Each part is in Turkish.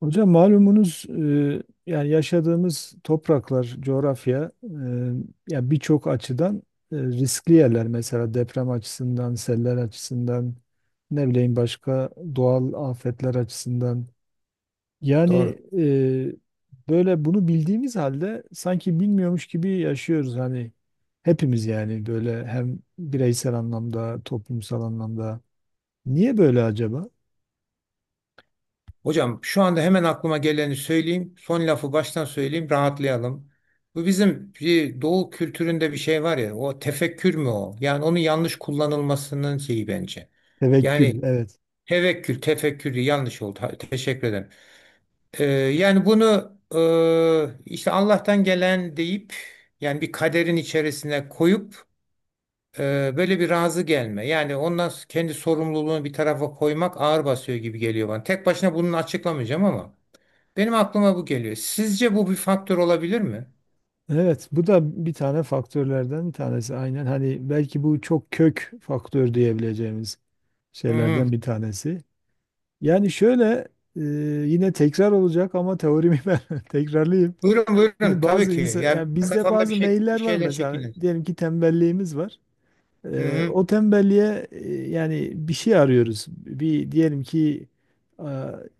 Hocam malumunuz yani yaşadığımız topraklar, coğrafya, ya birçok açıdan riskli yerler. Mesela deprem açısından, seller açısından, ne bileyim başka doğal afetler açısından. Yani Doğru. e, böyle bunu bildiğimiz halde sanki bilmiyormuş gibi yaşıyoruz hani hepimiz, yani böyle hem bireysel anlamda, toplumsal anlamda. Niye böyle acaba? Hocam şu anda hemen aklıma geleni söyleyeyim. Son lafı baştan söyleyeyim, rahatlayalım. Bu bizim bir doğu kültüründe bir şey var ya, o tefekkür mü o? Yani onun yanlış kullanılmasının şeyi bence. Tevekkül, Yani evet. tevekkül, tefekkür diye yanlış oldu. Ha, teşekkür ederim. Yani bunu işte Allah'tan gelen deyip yani bir kaderin içerisine koyup böyle bir razı gelme. Yani ondan kendi sorumluluğunu bir tarafa koymak ağır basıyor gibi geliyor bana. Tek başına bunu açıklamayacağım ama. Benim aklıma bu geliyor. Sizce bu bir faktör olabilir mi? Evet, bu da bir tane faktörlerden bir tanesi. Aynen, hani belki bu çok kök faktör diyebileceğimiz Hı hı. şeylerden bir tanesi. Yani şöyle, e, yine tekrar olacak ama teorimi ben tekrarlayayım. Buyurun buyurun Şimdi tabii bazı ki. insan, Yani yani bizde kafamda bazı bir meyiller var şeyler mesela. şekillenir. Diyelim ki tembelliğimiz var. Hı hı. O tembelliğe yani bir şey arıyoruz. Bir diyelim ki, e,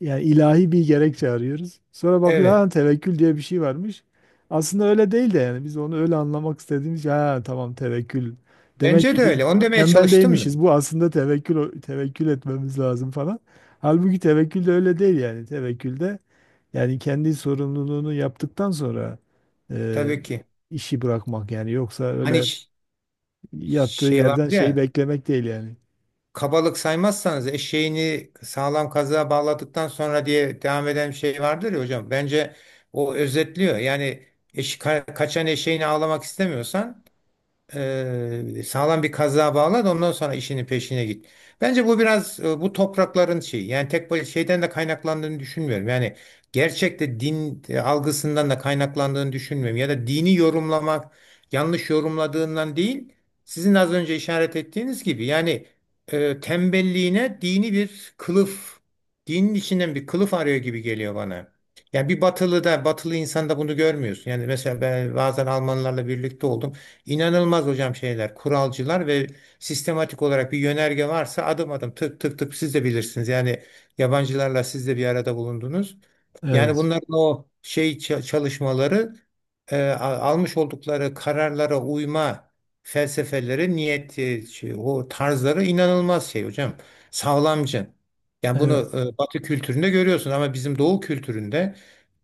yani ilahi bir gerekçe arıyoruz. Sonra bakıyor, Evet. ha tevekkül diye bir şey varmış. Aslında öyle değil de, yani biz onu öyle anlamak istediğimiz için, ha tamam tevekkül. Demek Bence ki de biz öyle. Onu demeye tembel çalıştım da. değilmişiz. Bu aslında tevekkül, tevekkül etmemiz lazım falan. Halbuki tevekkül de öyle değil yani. Tevekkülde yani kendi sorumluluğunu yaptıktan sonra e, Tabii ki. işi bırakmak, yani yoksa Hani öyle ş- yattığı Şey yerden vardı şeyi ya. beklemek değil yani. Kabalık saymazsanız eşeğini sağlam kazığa bağladıktan sonra diye devam eden bir şey vardır ya hocam. Bence o özetliyor. Yani kaçan eşeğini ağlamak istemiyorsan sağlam bir kazığa bağla da ondan sonra işinin peşine git. Bence bu biraz bu toprakların şeyi yani şeyden de kaynaklandığını düşünmüyorum. Yani gerçekte din algısından da kaynaklandığını düşünmüyorum. Ya da dini yorumlamak yanlış yorumladığından değil, sizin az önce işaret ettiğiniz gibi yani tembelliğine dini bir kılıf, dinin içinden bir kılıf arıyor gibi geliyor bana. Yani bir batılı da batılı insanda bunu görmüyorsun. Yani mesela ben bazen Almanlarla birlikte oldum. İnanılmaz hocam şeyler, kuralcılar ve sistematik olarak bir yönerge varsa adım adım tık tık tık siz de bilirsiniz. Yani yabancılarla siz de bir arada bulundunuz. Yani Evet, bunların o şey çalışmaları, almış oldukları kararlara uyma felsefeleri, niyeti, şey, o tarzları inanılmaz şey hocam. Sağlamcı. Yani bunu evet, Batı kültüründe görüyorsun ama bizim Doğu kültüründe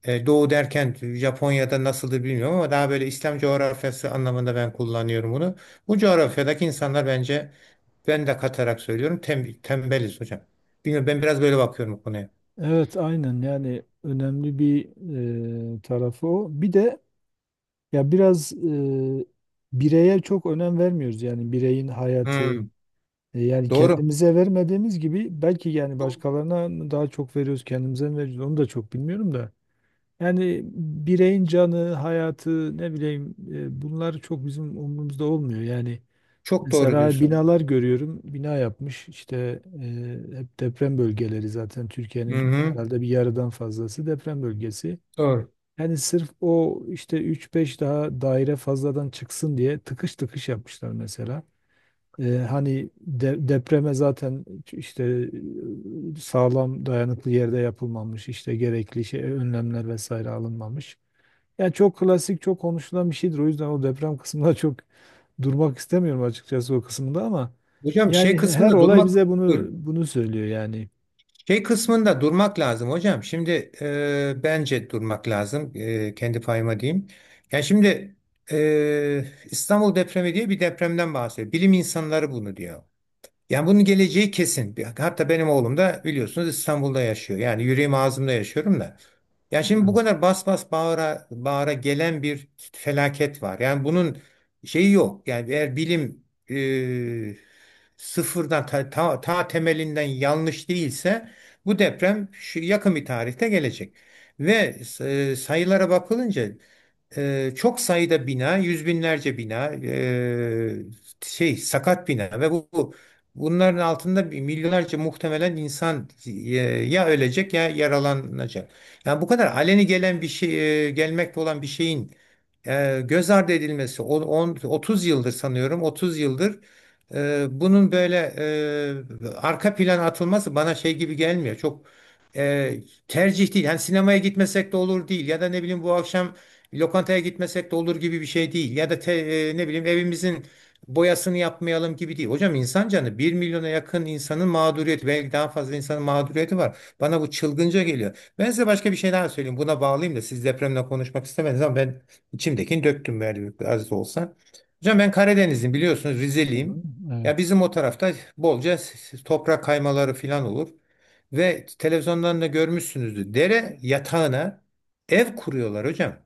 doğu derken Japonya'da nasıldır bilmiyorum ama daha böyle İslam coğrafyası anlamında ben kullanıyorum bunu. Bu coğrafyadaki insanlar bence, ben de katarak söylüyorum, tembeliz hocam. Bilmiyorum, ben biraz böyle bakıyorum bu konuya. evet, aynen, yani önemli bir tarafı o. Bir de ya biraz bireye çok önem vermiyoruz, yani bireyin hayatı. Hmm, E, yani doğru. kendimize vermediğimiz gibi belki, yani Çok, başkalarına daha çok veriyoruz, kendimize mi veriyoruz onu da çok bilmiyorum da. Yani bireyin canı, hayatı, ne bileyim, bunlar çok bizim umurumuzda olmuyor. Yani çok doğru mesela diyorsun. binalar görüyorum. Bina yapmış işte, hep deprem bölgeleri, zaten Hı Türkiye'nin hı, herhalde bir yarıdan fazlası deprem bölgesi. doğru. Yani sırf o, işte üç beş daha daire fazladan çıksın diye tıkış tıkış yapmışlar mesela. E, hani depreme zaten işte sağlam dayanıklı yerde yapılmamış, işte gerekli şey önlemler vesaire alınmamış. Ya çok klasik, çok konuşulan bir şeydir. O yüzden o deprem kısmında çok durmak istemiyorum açıkçası o kısımda ama Hocam şey yani her kısmında olay durmak. bize bunu Buyurun. bunu söylüyor yani. Şey kısmında durmak lazım hocam. Şimdi bence durmak lazım. E, kendi payıma diyeyim. Yani şimdi e, İstanbul depremi diye bir depremden bahsediyor. Bilim insanları bunu diyor. Yani bunun geleceği kesin. Hatta benim oğlum da biliyorsunuz İstanbul'da yaşıyor. Yani yüreğim ağzımda yaşıyorum da. Ya şimdi bu Evet. kadar bas bas bağıra bağıra gelen bir felaket var. Yani bunun şeyi yok. Yani eğer bilim e, sıfırdan ta temelinden yanlış değilse bu deprem şu yakın bir tarihte gelecek. Ve sayılara bakılınca çok sayıda bina, yüz binlerce bina, şey sakat bina ve bunların altında bir milyonlarca muhtemelen insan ya ölecek ya yaralanacak. Yani bu kadar aleni gelen bir şey, gelmekte olan bir şeyin göz ardı edilmesi, 30 yıldır sanıyorum, 30 yıldır bunun böyle arka plana atılması bana şey gibi gelmiyor. Çok tercih değil. Yani sinemaya gitmesek de olur değil ya da ne bileyim bu akşam bir lokantaya gitmesek de olur gibi bir şey değil. Ne bileyim evimizin boyasını yapmayalım gibi değil. Hocam insan canı, bir milyona yakın insanın mağduriyeti, belki daha fazla insanın mağduriyeti var. Bana bu çılgınca geliyor. Ben size başka bir şey daha söyleyeyim. Buna bağlayayım da, siz depremle konuşmak istemediniz ama ben içimdekini döktüm az da olsa. Hocam ben Karadenizliyim biliyorsunuz, Hı hı. Rizeliyim. Ya Evet. bizim o tarafta bolca toprak kaymaları falan olur. Ve televizyondan da görmüşsünüzdür. Dere yatağına ev kuruyorlar hocam.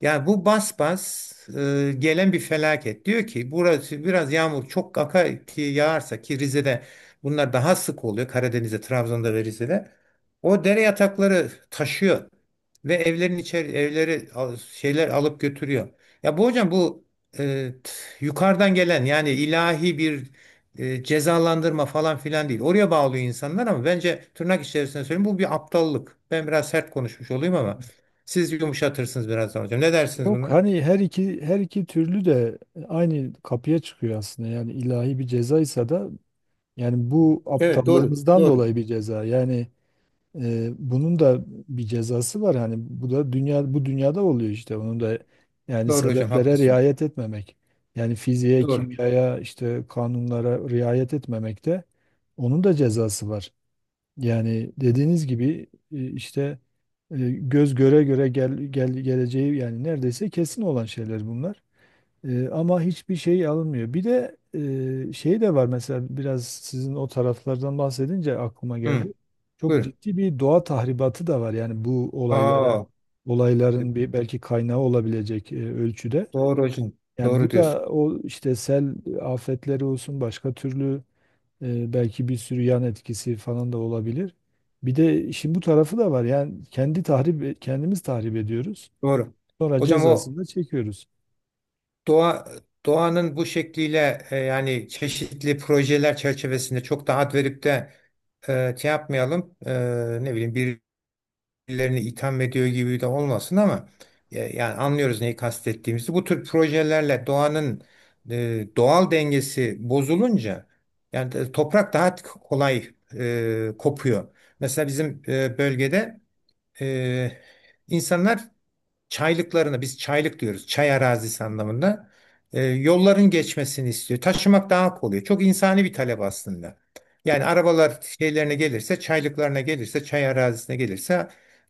Yani bu bas bas gelen bir felaket. Diyor ki burası biraz yağmur çok kaka ki yağarsa, ki Rize'de bunlar daha sık oluyor. Karadeniz'de, Trabzon'da ve Rize'de. O dere yatakları taşıyor ve evleri şeyler alıp götürüyor. Ya bu hocam bu yukarıdan gelen yani ilahi bir cezalandırma falan filan değil. Oraya bağlıyor insanlar ama bence, tırnak içerisinde söyleyeyim, bu bir aptallık. Ben biraz sert konuşmuş olayım ama. Siz yumuşatırsınız birazdan hocam. Ne dersiniz Yok, buna? hani her iki türlü de aynı kapıya çıkıyor aslında. Yani ilahi bir cezaysa da yani bu Evet doğru. aptallığımızdan Doğru. dolayı bir ceza. Yani ee, bunun da bir cezası var yani, bu da dünya, bu dünyada oluyor, işte onun da yani Doğru hocam sebeplere haklısınız. riayet etmemek, yani fiziğe, Doğru. kimyaya, işte kanunlara riayet etmemek de, onun da cezası var yani, dediğiniz gibi, işte göz göre göre gel geleceği, yani neredeyse kesin olan şeyler bunlar. Ama hiçbir şey alınmıyor. Bir de şey de var mesela, biraz sizin o taraflardan bahsedince aklıma Hı, geldi. Çok buyur. ciddi bir doğa tahribatı da var. Yani bu olaylara, Aa, olayların bir belki kaynağı olabilecek ölçüde. doğru hocam. Yani Doğru bu diyorsun. da o, işte sel afetleri olsun, başka türlü belki bir sürü yan etkisi falan da olabilir. Bir de işin bu tarafı da var. Yani kendi tahrip, kendimiz tahrip ediyoruz. Doğru. Sonra Hocam o cezasını da çekiyoruz. doğa doğanın bu şekliyle yani çeşitli projeler çerçevesinde çok da ad verip de şey yapmayalım. E, ne bileyim, birilerini itham ediyor gibi de olmasın ama yani anlıyoruz neyi kastettiğimizi. Bu tür projelerle doğanın doğal dengesi bozulunca yani toprak daha kolay kopuyor. Mesela bizim bölgede e, insanlar çaylıklarına, biz çaylık diyoruz çay arazisi anlamında, yolların geçmesini istiyor. Taşımak daha kolay. Çok insani bir talep aslında. Yani arabalar şeylerine gelirse çaylıklarına gelirse, çay arazisine gelirse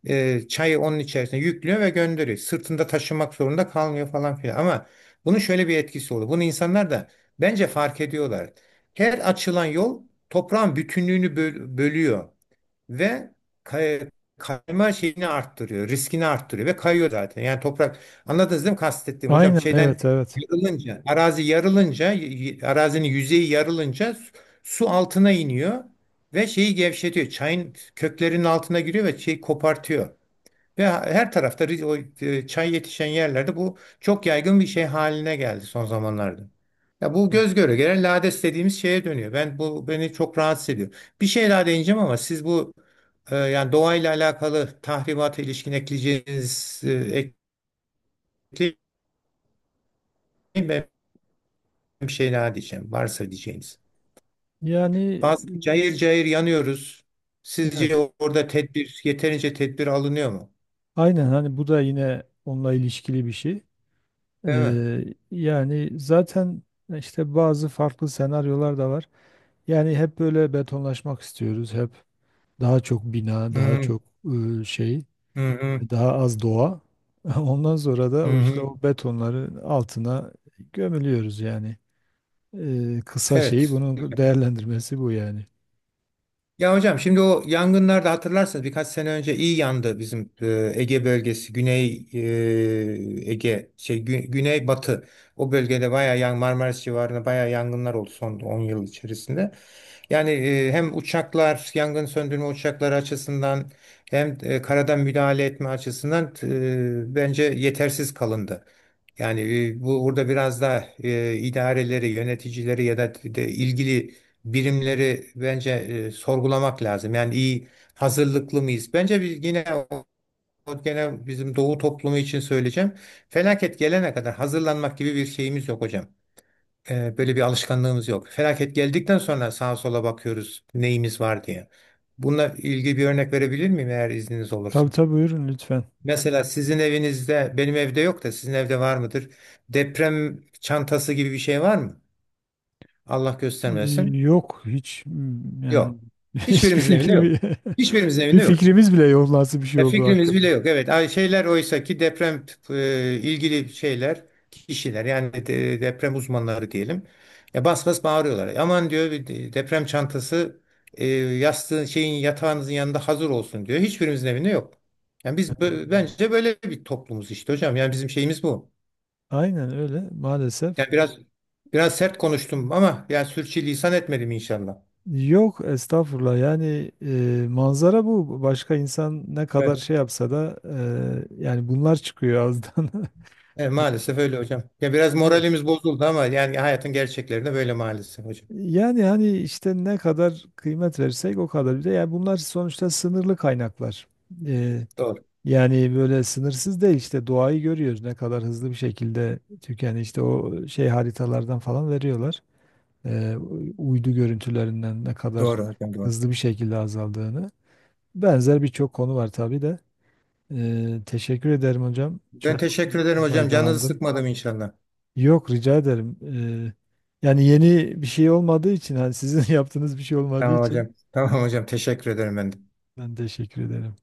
çayı onun içerisine yüklüyor ve gönderiyor. Sırtında taşımak zorunda kalmıyor falan filan. Ama bunun şöyle bir etkisi oluyor. Bunu insanlar da bence fark ediyorlar. Her açılan yol toprağın bütünlüğünü bölüyor ve kay- kayma şeyini arttırıyor, riskini arttırıyor ve kayıyor zaten. Yani toprak, anladınız değil mi kastettiğim hocam? Aynen, Şeyden evet evet. yarılınca, arazi yarılınca, arazinin yüzeyi yarılınca su, altına iniyor ve şeyi gevşetiyor. Çayın köklerinin altına giriyor ve şeyi kopartıyor. Ve her tarafta çay yetişen yerlerde bu çok yaygın bir şey haline geldi son zamanlarda. Ya bu göz göre gelen lades dediğimiz şeye dönüyor. Beni çok rahatsız ediyor. Bir şey daha değineceğim ama siz bu yani doğayla alakalı tahribata ilişkin ekleyeceğiniz ekleyin, ben bir şey daha diyeceğim. Varsa diyeceğiniz. Yani Bazı cayır cayır yanıyoruz. Sizce evet. orada yeterince tedbir alınıyor mu? Aynen, hani bu da yine onunla ilişkili bir şey. Değil mi? Ee, yani zaten işte bazı farklı senaryolar da var. Yani hep böyle betonlaşmak istiyoruz. Hep daha çok bina, Hı daha hı, çok e, şey, hı hı. daha az doğa. Ondan sonra Hı da o, işte hı. o betonların altına gömülüyoruz yani. Kısa şeyi, Evet. bunun değerlendirmesi bu yani. Ya hocam şimdi o yangınlarda hatırlarsanız birkaç sene önce iyi yandı bizim Ege bölgesi, Güney Ege, şey Güney Batı. O bölgede bayağı yan Marmaris civarında bayağı yangınlar oldu son 10 yıl içerisinde. Yani hem uçaklar, yangın söndürme uçakları açısından, hem karadan müdahale etme açısından bence yetersiz kalındı. Yani bu, burada biraz da idareleri, yöneticileri ya da de ilgili birimleri bence sorgulamak lazım. Yani iyi hazırlıklı mıyız? Bence biz yine o- o gene bizim Doğu toplumu için söyleyeceğim. Felaket gelene kadar hazırlanmak gibi bir şeyimiz yok hocam. Böyle bir alışkanlığımız yok. Felaket geldikten sonra sağa sola bakıyoruz neyimiz var diye. Bununla ilgili bir örnek verebilir miyim eğer izniniz Tabii olursa? tabii, buyurun lütfen. Mesela sizin evinizde, benim evde yok da sizin evde var mıdır? Deprem çantası gibi bir şey var mı? Allah göstermesin. Yok hiç, mm, yani Yok. hiçbir Hiçbirimizin evinde yok. fikrim Hiçbirimizin bir evinde yok. fikrimiz bile yok nasıl bir şey Ya olduğu fikrimiz hakkında. bile yok. Evet, ay şeyler, oysa ki deprem ilgili şeyler, kişiler yani deprem uzmanları diyelim. Ya bas bas bağırıyorlar. Aman diyor bir deprem çantası yastığın şeyin, yatağınızın yanında hazır olsun diyor. Hiçbirimizin evinde yok. Yani biz bence böyle bir toplumuz işte hocam. Yani bizim şeyimiz bu. Aynen öyle maalesef. Yani biraz sert konuştum ama yani sürçülisan etmedim inşallah. Yok estağfurullah, yani manzara bu. Başka insan ne kadar şey yapsa da yani bunlar çıkıyor ağızdan. Evet, maalesef öyle hocam. Ya biraz Evet. moralimiz bozuldu ama yani hayatın gerçekleri de böyle maalesef hocam. Yani hani işte ne kadar kıymet verirsek o kadar. Bir de yani bunlar sonuçta sınırlı kaynaklar. E, Doğru. Yani böyle sınırsız değil, işte doğayı görüyoruz ne kadar hızlı bir şekilde tükeni, işte o şey haritalardan falan veriyorlar. Ee, uydu görüntülerinden ne kadar Doğru hocam doğru. hızlı bir şekilde azaldığını. Benzer birçok konu var tabii de. Teşekkür ederim hocam. Ben Çok teşekkür ederim hocam. Canınızı faydalandım. sıkmadım inşallah. Yok rica ederim. Yani yeni bir şey olmadığı için, hani sizin yaptığınız bir şey olmadığı Tamam için hocam. Tamam hocam. Teşekkür ederim ben de. ben teşekkür ederim.